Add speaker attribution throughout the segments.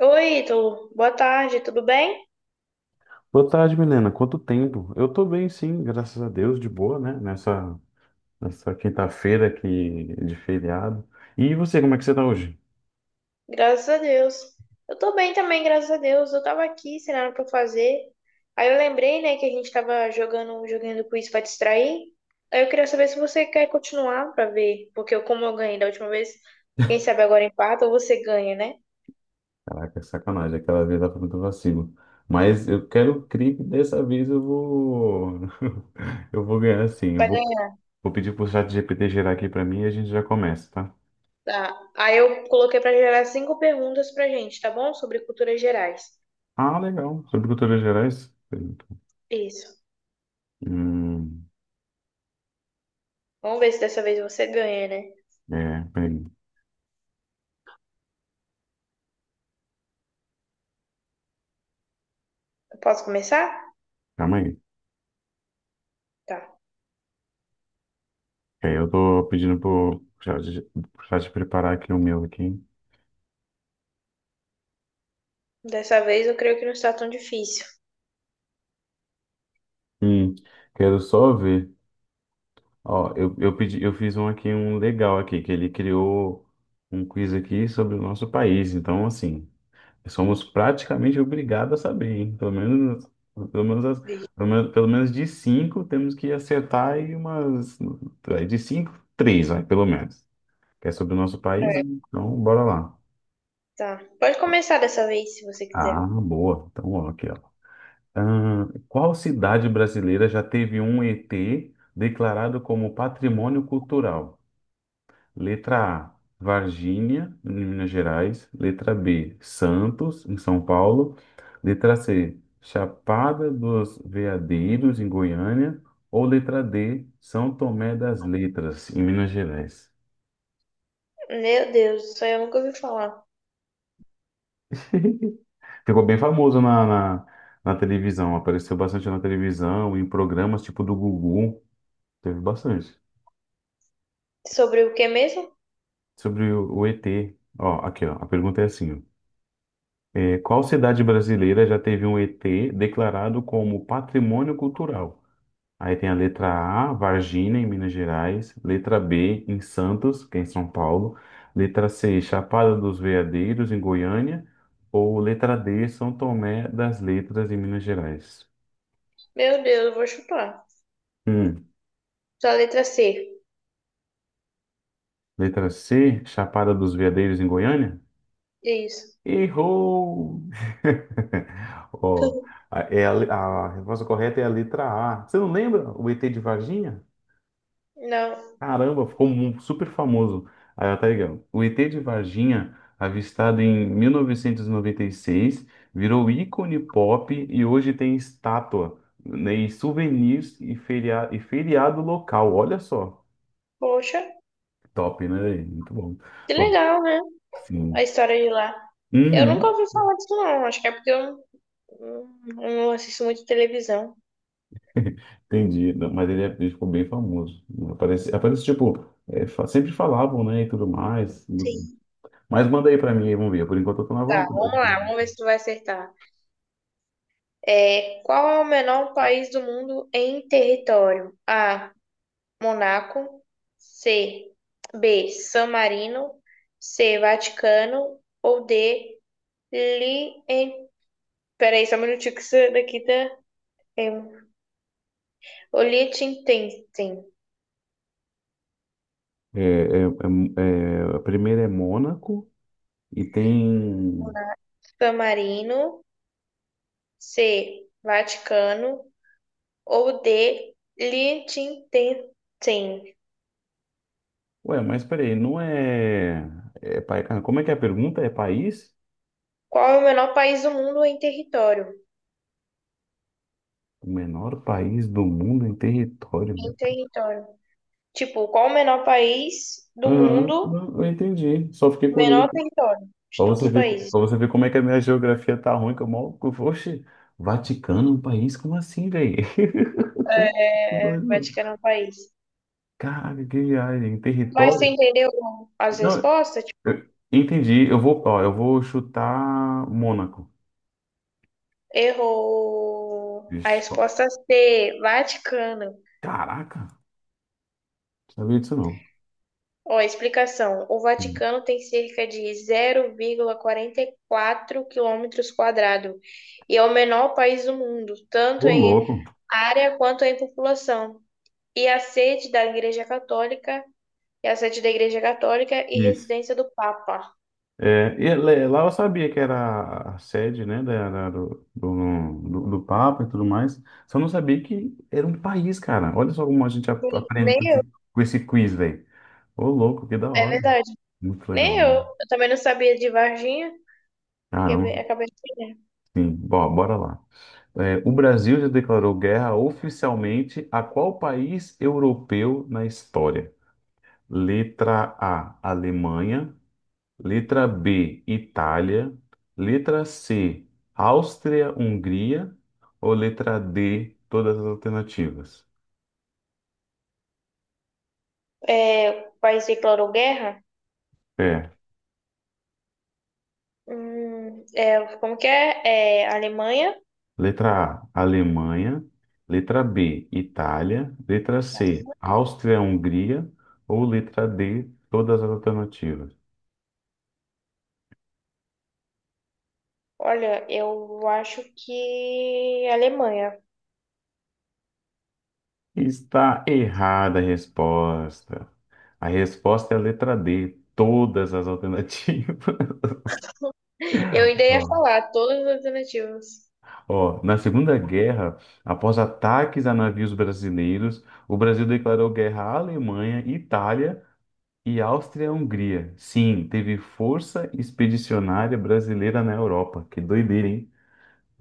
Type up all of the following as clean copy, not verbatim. Speaker 1: Oi, Ítalo. Boa tarde, tudo bem?
Speaker 2: Boa tarde, Milena. Quanto tempo? Eu tô bem, sim, graças a Deus, de boa, né? Nessa quinta-feira aqui de feriado. E você, como é que você tá hoje?
Speaker 1: Graças a Deus. Eu tô bem também, graças a Deus. Eu tava aqui sem nada pra fazer. Aí eu lembrei, né, que a gente tava jogando um joguinho do quiz pra distrair. Aí eu queria saber se você quer continuar pra ver, porque eu, como eu ganhei da última vez, quem sabe agora empata ou você ganha, né?
Speaker 2: Caraca, sacanagem, aquela vez lá foi muito vacilo. Mas eu quero crer que dessa vez eu vou. Eu vou ganhar sim. Eu
Speaker 1: Vai
Speaker 2: vou,
Speaker 1: ganhar.
Speaker 2: vou pedir pro GPT gerar aqui pra mim e a gente já começa, tá?
Speaker 1: Tá. Aí eu coloquei pra gerar cinco perguntas pra gente, tá bom? Sobre culturas gerais.
Speaker 2: Ah, legal. Sobre culturas gerais?
Speaker 1: Isso.
Speaker 2: Hum,
Speaker 1: Vamos ver se dessa vez você ganha, né?
Speaker 2: é, peraí.
Speaker 1: Eu posso começar?
Speaker 2: Calma aí.
Speaker 1: Tá.
Speaker 2: Ok, eu tô pedindo pro chat preparar aqui o meu aqui.
Speaker 1: Dessa vez eu creio que não está tão difícil.
Speaker 2: Hum, Quero só ver. Ó, eu fiz um aqui, um legal aqui, que ele criou um quiz aqui sobre o nosso país. Então, assim, somos praticamente obrigados a saber, hein? Pelo menos, as- pelo menos de cinco temos que acertar aí umas. Aí De cinco, três, vai, pelo menos. Que é sobre o nosso país, né? Então bora lá.
Speaker 1: Tá. Pode começar dessa vez, se você quiser.
Speaker 2: Ah, boa. Então, ó, aqui, ó. Ah, qual cidade brasileira já teve um ET declarado como patrimônio cultural? Letra A, Varginha, em Minas Gerais. Letra B, Santos, em São Paulo. Letra C, Chapada dos Veadeiros, em Goiânia. Ou letra D, São Tomé das Letras, em Minas Gerais.
Speaker 1: Meu Deus, isso aí eu nunca ouvi falar.
Speaker 2: Ficou bem famoso na televisão, apareceu bastante na televisão, em programas tipo do Gugu, teve bastante.
Speaker 1: Sobre o que mesmo?
Speaker 2: Sobre o ET. Ó, aqui, ó. A pergunta é assim, ó. É, qual cidade brasileira já teve um ET declarado como patrimônio cultural? Aí tem a letra A, Varginha, em Minas Gerais. Letra B, em Santos, que é em São Paulo. Letra C, Chapada dos Veadeiros, em Goiânia. Ou letra D, São Tomé das Letras, em Minas Gerais.
Speaker 1: Meu Deus, eu vou chutar.
Speaker 2: Hum.
Speaker 1: Só a letra C.
Speaker 2: Letra C, Chapada dos Veadeiros, em Goiânia?
Speaker 1: Isso.
Speaker 2: Errou! Ó, a resposta correta é a letra A. Você não lembra o ET de Varginha?
Speaker 1: Não.
Speaker 2: Caramba, ficou super famoso. Aí, ó, tá ligado? O ET de Varginha, avistado em 1996, virou ícone pop e hoje tem estátua, né, e souvenirs e feriado local. Olha só.
Speaker 1: Poxa,
Speaker 2: Top, né? Muito bom.
Speaker 1: que
Speaker 2: Ó,
Speaker 1: legal, né? A
Speaker 2: sim.
Speaker 1: história de lá. Eu nunca
Speaker 2: Uhum.
Speaker 1: ouvi falar disso, não. Acho que é porque eu não assisto muito televisão.
Speaker 2: Entendi. Não, mas ele ficou bem famoso. Aparece tipo, é, sempre falavam, né, e tudo mais.
Speaker 1: Sim.
Speaker 2: Mas manda aí pra mim, aí, vamos ver. Por enquanto eu tô na
Speaker 1: Tá, vamos
Speaker 2: vontade.
Speaker 1: lá. Vamos ver se tu vai acertar. É, qual é o menor país do mundo em território? A. Monaco, C. B. San Marino, C. Vaticano ou D. Li... em- Peraí, só um minutinho que isso daqui tá. É... O Liechtenstein.
Speaker 2: É, a primeira é Mônaco e tem.
Speaker 1: San Marino, C. Vaticano ou D. Liechtenstein.
Speaker 2: Ué, mas peraí, não é. Como é que é a pergunta? É país?
Speaker 1: Qual é o menor país do mundo em território?
Speaker 2: O menor país do mundo em território.
Speaker 1: Em território. Tipo, qual o menor país do
Speaker 2: Aham,
Speaker 1: mundo,
Speaker 2: não, eu entendi. Só fiquei curioso.
Speaker 1: menor território de todos os países?
Speaker 2: Pra você ver como é que a minha geografia tá ruim, que eu mal. Oxe, Vaticano, um país? Como assim, velho? Que
Speaker 1: É,
Speaker 2: doido, mano.
Speaker 1: Vaticano é um país.
Speaker 2: Caralho, que viagem.
Speaker 1: Mas você
Speaker 2: Território?
Speaker 1: entendeu as
Speaker 2: Não,
Speaker 1: respostas? Tipo,
Speaker 2: eu entendi. Eu vou chutar Mônaco.
Speaker 1: errou a
Speaker 2: Ixi, ó,
Speaker 1: resposta C, Vaticano.
Speaker 2: caraca, não sabia disso não.
Speaker 1: Ó, explicação. O Vaticano tem cerca de 0,44 quilômetros quadrados e é o menor país do mundo,
Speaker 2: Ô,
Speaker 1: tanto em
Speaker 2: louco.
Speaker 1: área quanto em população. E a sede da Igreja Católica é a sede da Igreja Católica e
Speaker 2: Isso.
Speaker 1: residência do Papa.
Speaker 2: É, lá eu sabia que era a sede, né, do Papa e tudo mais. Só não sabia que era um país, cara. Olha só como a gente
Speaker 1: Hum,
Speaker 2: aprende
Speaker 1: Nem
Speaker 2: com
Speaker 1: eu,
Speaker 2: com esse quiz, velho. Ô, louco, que da
Speaker 1: é
Speaker 2: hora.
Speaker 1: verdade.
Speaker 2: Muito legal,
Speaker 1: Nem eu.
Speaker 2: né?
Speaker 1: Eu também não sabia de Varginha. Quer
Speaker 2: Caramba,
Speaker 1: ver? Acabei de ver.
Speaker 2: sim. Bom, bora lá. É, o Brasil já declarou guerra oficialmente a qual país europeu na história? Letra A, Alemanha. Letra B, Itália. Letra C, Áustria-Hungria. Ou letra D, todas as alternativas?
Speaker 1: É, o país declarou guerra?
Speaker 2: É.
Speaker 1: É, como que é? É, Alemanha?
Speaker 2: Letra A, Alemanha. Letra B, Itália. Letra C, Áustria-Hungria. Ou letra D, todas as alternativas.
Speaker 1: Olha, eu acho que Alemanha.
Speaker 2: Está errada a resposta. A resposta é a letra D, todas as alternativas.
Speaker 1: Eu ainda ia
Speaker 2: Ó,
Speaker 1: falar todas as alternativas.
Speaker 2: Ó, na Segunda Guerra, após ataques a navios brasileiros, o Brasil declarou guerra à Alemanha, Itália e Áustria-Hungria. Sim, teve Força Expedicionária Brasileira na Europa. Que doideira, hein?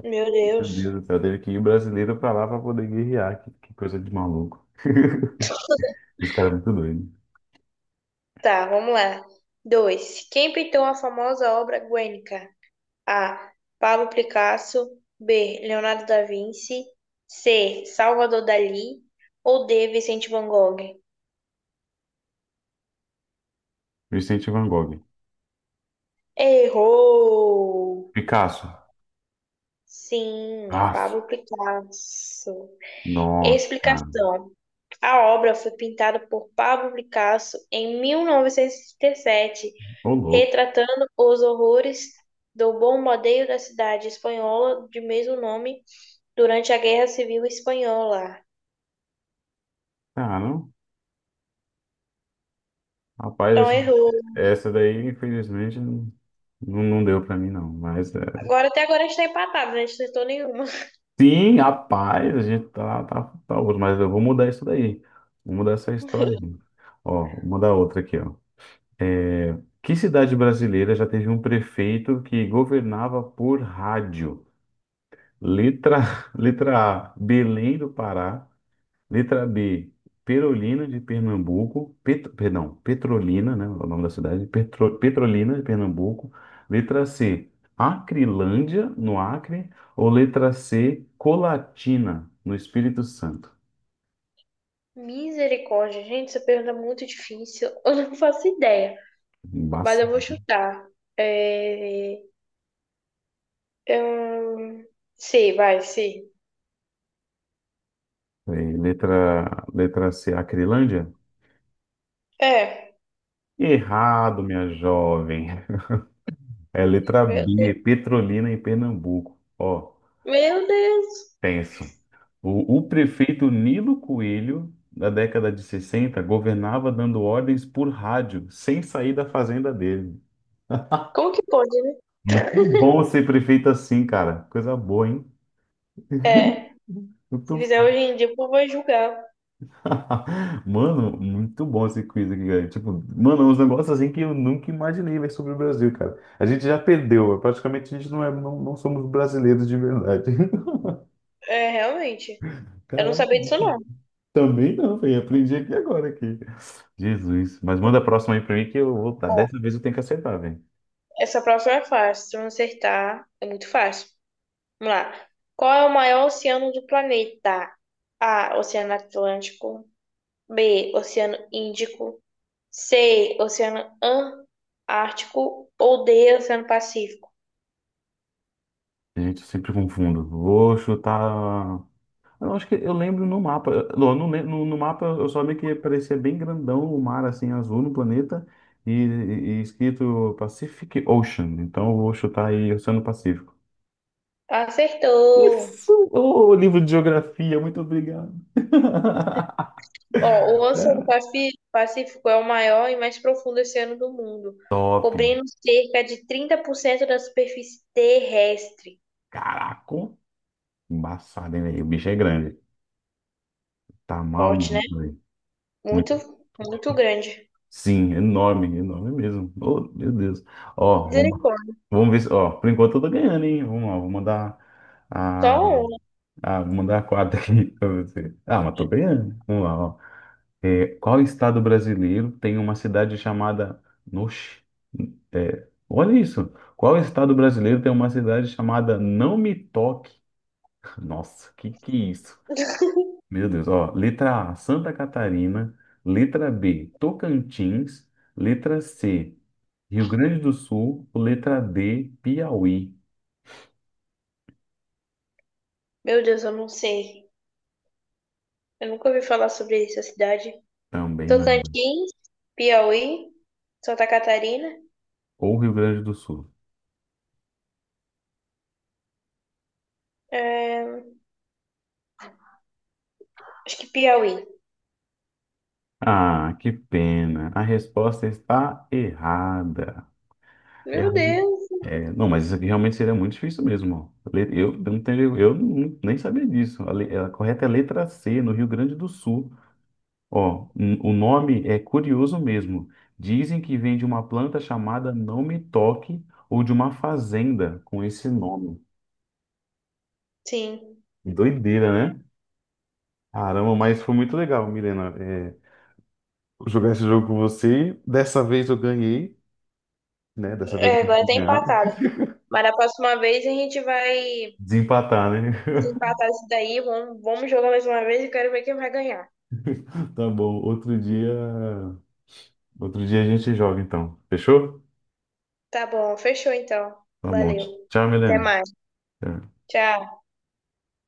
Speaker 1: Meu
Speaker 2: Meu Deus
Speaker 1: Deus.
Speaker 2: do céu, teve que ir brasileiro pra lá pra poder guerrear. Que coisa de maluco. Esse cara é muito doido.
Speaker 1: Tá, vamos lá. Dois. Quem pintou a famosa obra Guernica? A. Pablo Picasso. B. Leonardo da Vinci. C. Salvador Dalí. Ou D. Vicente Van Gogh?
Speaker 2: Vicente Van Gogh.
Speaker 1: Errou!
Speaker 2: Picasso.
Speaker 1: Sim, é
Speaker 2: Ah,
Speaker 1: Pablo Picasso.
Speaker 2: nossa, cara.
Speaker 1: Explicação. A obra foi pintada por Pablo Picasso em 1937,
Speaker 2: Ô, louco.
Speaker 1: retratando os horrores do bombardeio da cidade espanhola de mesmo nome durante a Guerra Civil Espanhola.
Speaker 2: Ah, não. Rapaz,
Speaker 1: Então
Speaker 2: essa
Speaker 1: errou.
Speaker 2: essa daí, infelizmente, não, não deu pra mim, não. Mas, é...
Speaker 1: Agora até agora a gente tá empatado, né? A gente não acertou nenhuma.
Speaker 2: sim, rapaz, a gente tá, tá outro. Mas eu vou mudar isso daí. Vou mudar essa história aí. Ó, vou mudar outra aqui, ó. É, que cidade brasileira já teve um prefeito que governava por rádio? Letra, letra A, Belém do Pará. Letra B, Perolina de Pernambuco. Perdão, Petrolina, né? O nome da cidade. Petrolina de Pernambuco. Letra C, Acrilândia, no Acre. Ou letra C, Colatina, no Espírito Santo.
Speaker 1: Misericórdia, gente, essa pergunta é muito difícil. Eu não faço ideia, mas
Speaker 2: Embaça.
Speaker 1: eu vou chutar. É... Hum, sim, vai, sim.
Speaker 2: É, letra C, Acrilândia?
Speaker 1: É,
Speaker 2: Errado, minha jovem. É letra
Speaker 1: meu
Speaker 2: B,
Speaker 1: Deus,
Speaker 2: Petrolina em Pernambuco. Ó,
Speaker 1: meu Deus.
Speaker 2: tenso. O prefeito Nilo Coelho, da década de 60, governava dando ordens por rádio, sem sair da fazenda dele.
Speaker 1: Como que pode, né?
Speaker 2: Muito bom ser prefeito assim, cara. Coisa boa, hein?
Speaker 1: É, se
Speaker 2: Muito...
Speaker 1: fizer hoje em dia, o povo vai julgar.
Speaker 2: Mano, muito bom esse quiz aqui, cara. Tipo, mano, uns negócios assim que eu nunca imaginei, véi, sobre o Brasil, cara. A gente já perdeu, praticamente a gente não é, não somos brasileiros de verdade.
Speaker 1: É, realmente. Eu não
Speaker 2: Caramba.
Speaker 1: sabia disso, não.
Speaker 2: Também não, velho. Aprendi aqui agora aqui. Jesus. Mas manda a próxima aí pra mim que eu vou. Tá,
Speaker 1: Ó,
Speaker 2: dessa vez eu tenho que acertar, velho.
Speaker 1: essa próxima é fácil. Se eu não acertar, é muito fácil. Vamos lá. Qual é o maior oceano do planeta? A, Oceano Atlântico. B, Oceano Índico. C, Oceano Antártico. Ou D, Oceano Pacífico.
Speaker 2: Gente, eu sempre confundo. Vou chutar. Eu acho que eu lembro no mapa. Não, no mapa eu só vi que parecia bem grandão o mar assim azul no planeta e, e escrito Pacific Ocean. Então eu vou chutar aí Oceano Pacífico.
Speaker 1: Acertou!
Speaker 2: Isso! Ô, livro de geografia, muito obrigado.
Speaker 1: Ó, o Oceano Pacífico é o maior e mais profundo oceano do mundo,
Speaker 2: Top!
Speaker 1: cobrindo cerca de 30% da superfície terrestre.
Speaker 2: Caraca! Embaçado, hein, velho? O bicho é grande. Tá
Speaker 1: Forte, né?
Speaker 2: maluco, velho.
Speaker 1: Muito,
Speaker 2: Muito.
Speaker 1: muito grande.
Speaker 2: Sim, enorme, enorme mesmo. Oh, meu Deus. Ó,
Speaker 1: Misericórdia.
Speaker 2: vamos ver se. Ó, por enquanto eu tô ganhando, hein? Vamos lá, vou mandar a,
Speaker 1: Só um.
Speaker 2: a, vou mandar a quadra aqui pra você. Ah, mas tô ganhando. Vamos lá, ó. É, qual estado brasileiro tem uma cidade chamada. Noxe, é, olha isso. Qual estado brasileiro tem uma cidade chamada Não Me Toque? Nossa, que é isso? Meu Deus, ó, letra A, Santa Catarina, letra B, Tocantins, letra C, Rio Grande do Sul, letra D, Piauí.
Speaker 1: Meu Deus, eu não sei. Eu nunca ouvi falar sobre essa cidade.
Speaker 2: Também não.
Speaker 1: Tocantins, Piauí, Santa Catarina.
Speaker 2: Ou Rio Grande do Sul.
Speaker 1: É, acho que Piauí.
Speaker 2: Ah, que pena. A resposta está errada. É,
Speaker 1: Meu Deus.
Speaker 2: É, não, mas isso aqui realmente seria muito difícil mesmo, ó. Le- eu não tenho, eu não- nem sabia disso. A correta é a letra C, no Rio Grande do Sul. Ó, o nome é curioso mesmo. Dizem que vem de uma planta chamada Não Me Toque ou de uma fazenda com esse nome.
Speaker 1: Sim.
Speaker 2: Doideira, né? Caramba, mas foi muito legal, Milena, é, jogar esse jogo com você. Dessa vez eu ganhei, né? Dessa vez eu
Speaker 1: É, agora
Speaker 2: consegui
Speaker 1: tá
Speaker 2: ganhar.
Speaker 1: empatada. Mas na próxima vez a gente vai.
Speaker 2: Desempatar, né?
Speaker 1: Se empatar isso daí, vamos jogar mais uma vez e quero ver quem vai ganhar.
Speaker 2: Tá bom. Outro dia a gente joga então. Fechou?
Speaker 1: Tá bom, fechou então.
Speaker 2: Tá bom.
Speaker 1: Valeu.
Speaker 2: Tchau,
Speaker 1: Até
Speaker 2: Milena.
Speaker 1: mais.
Speaker 2: Tchau.
Speaker 1: Tchau.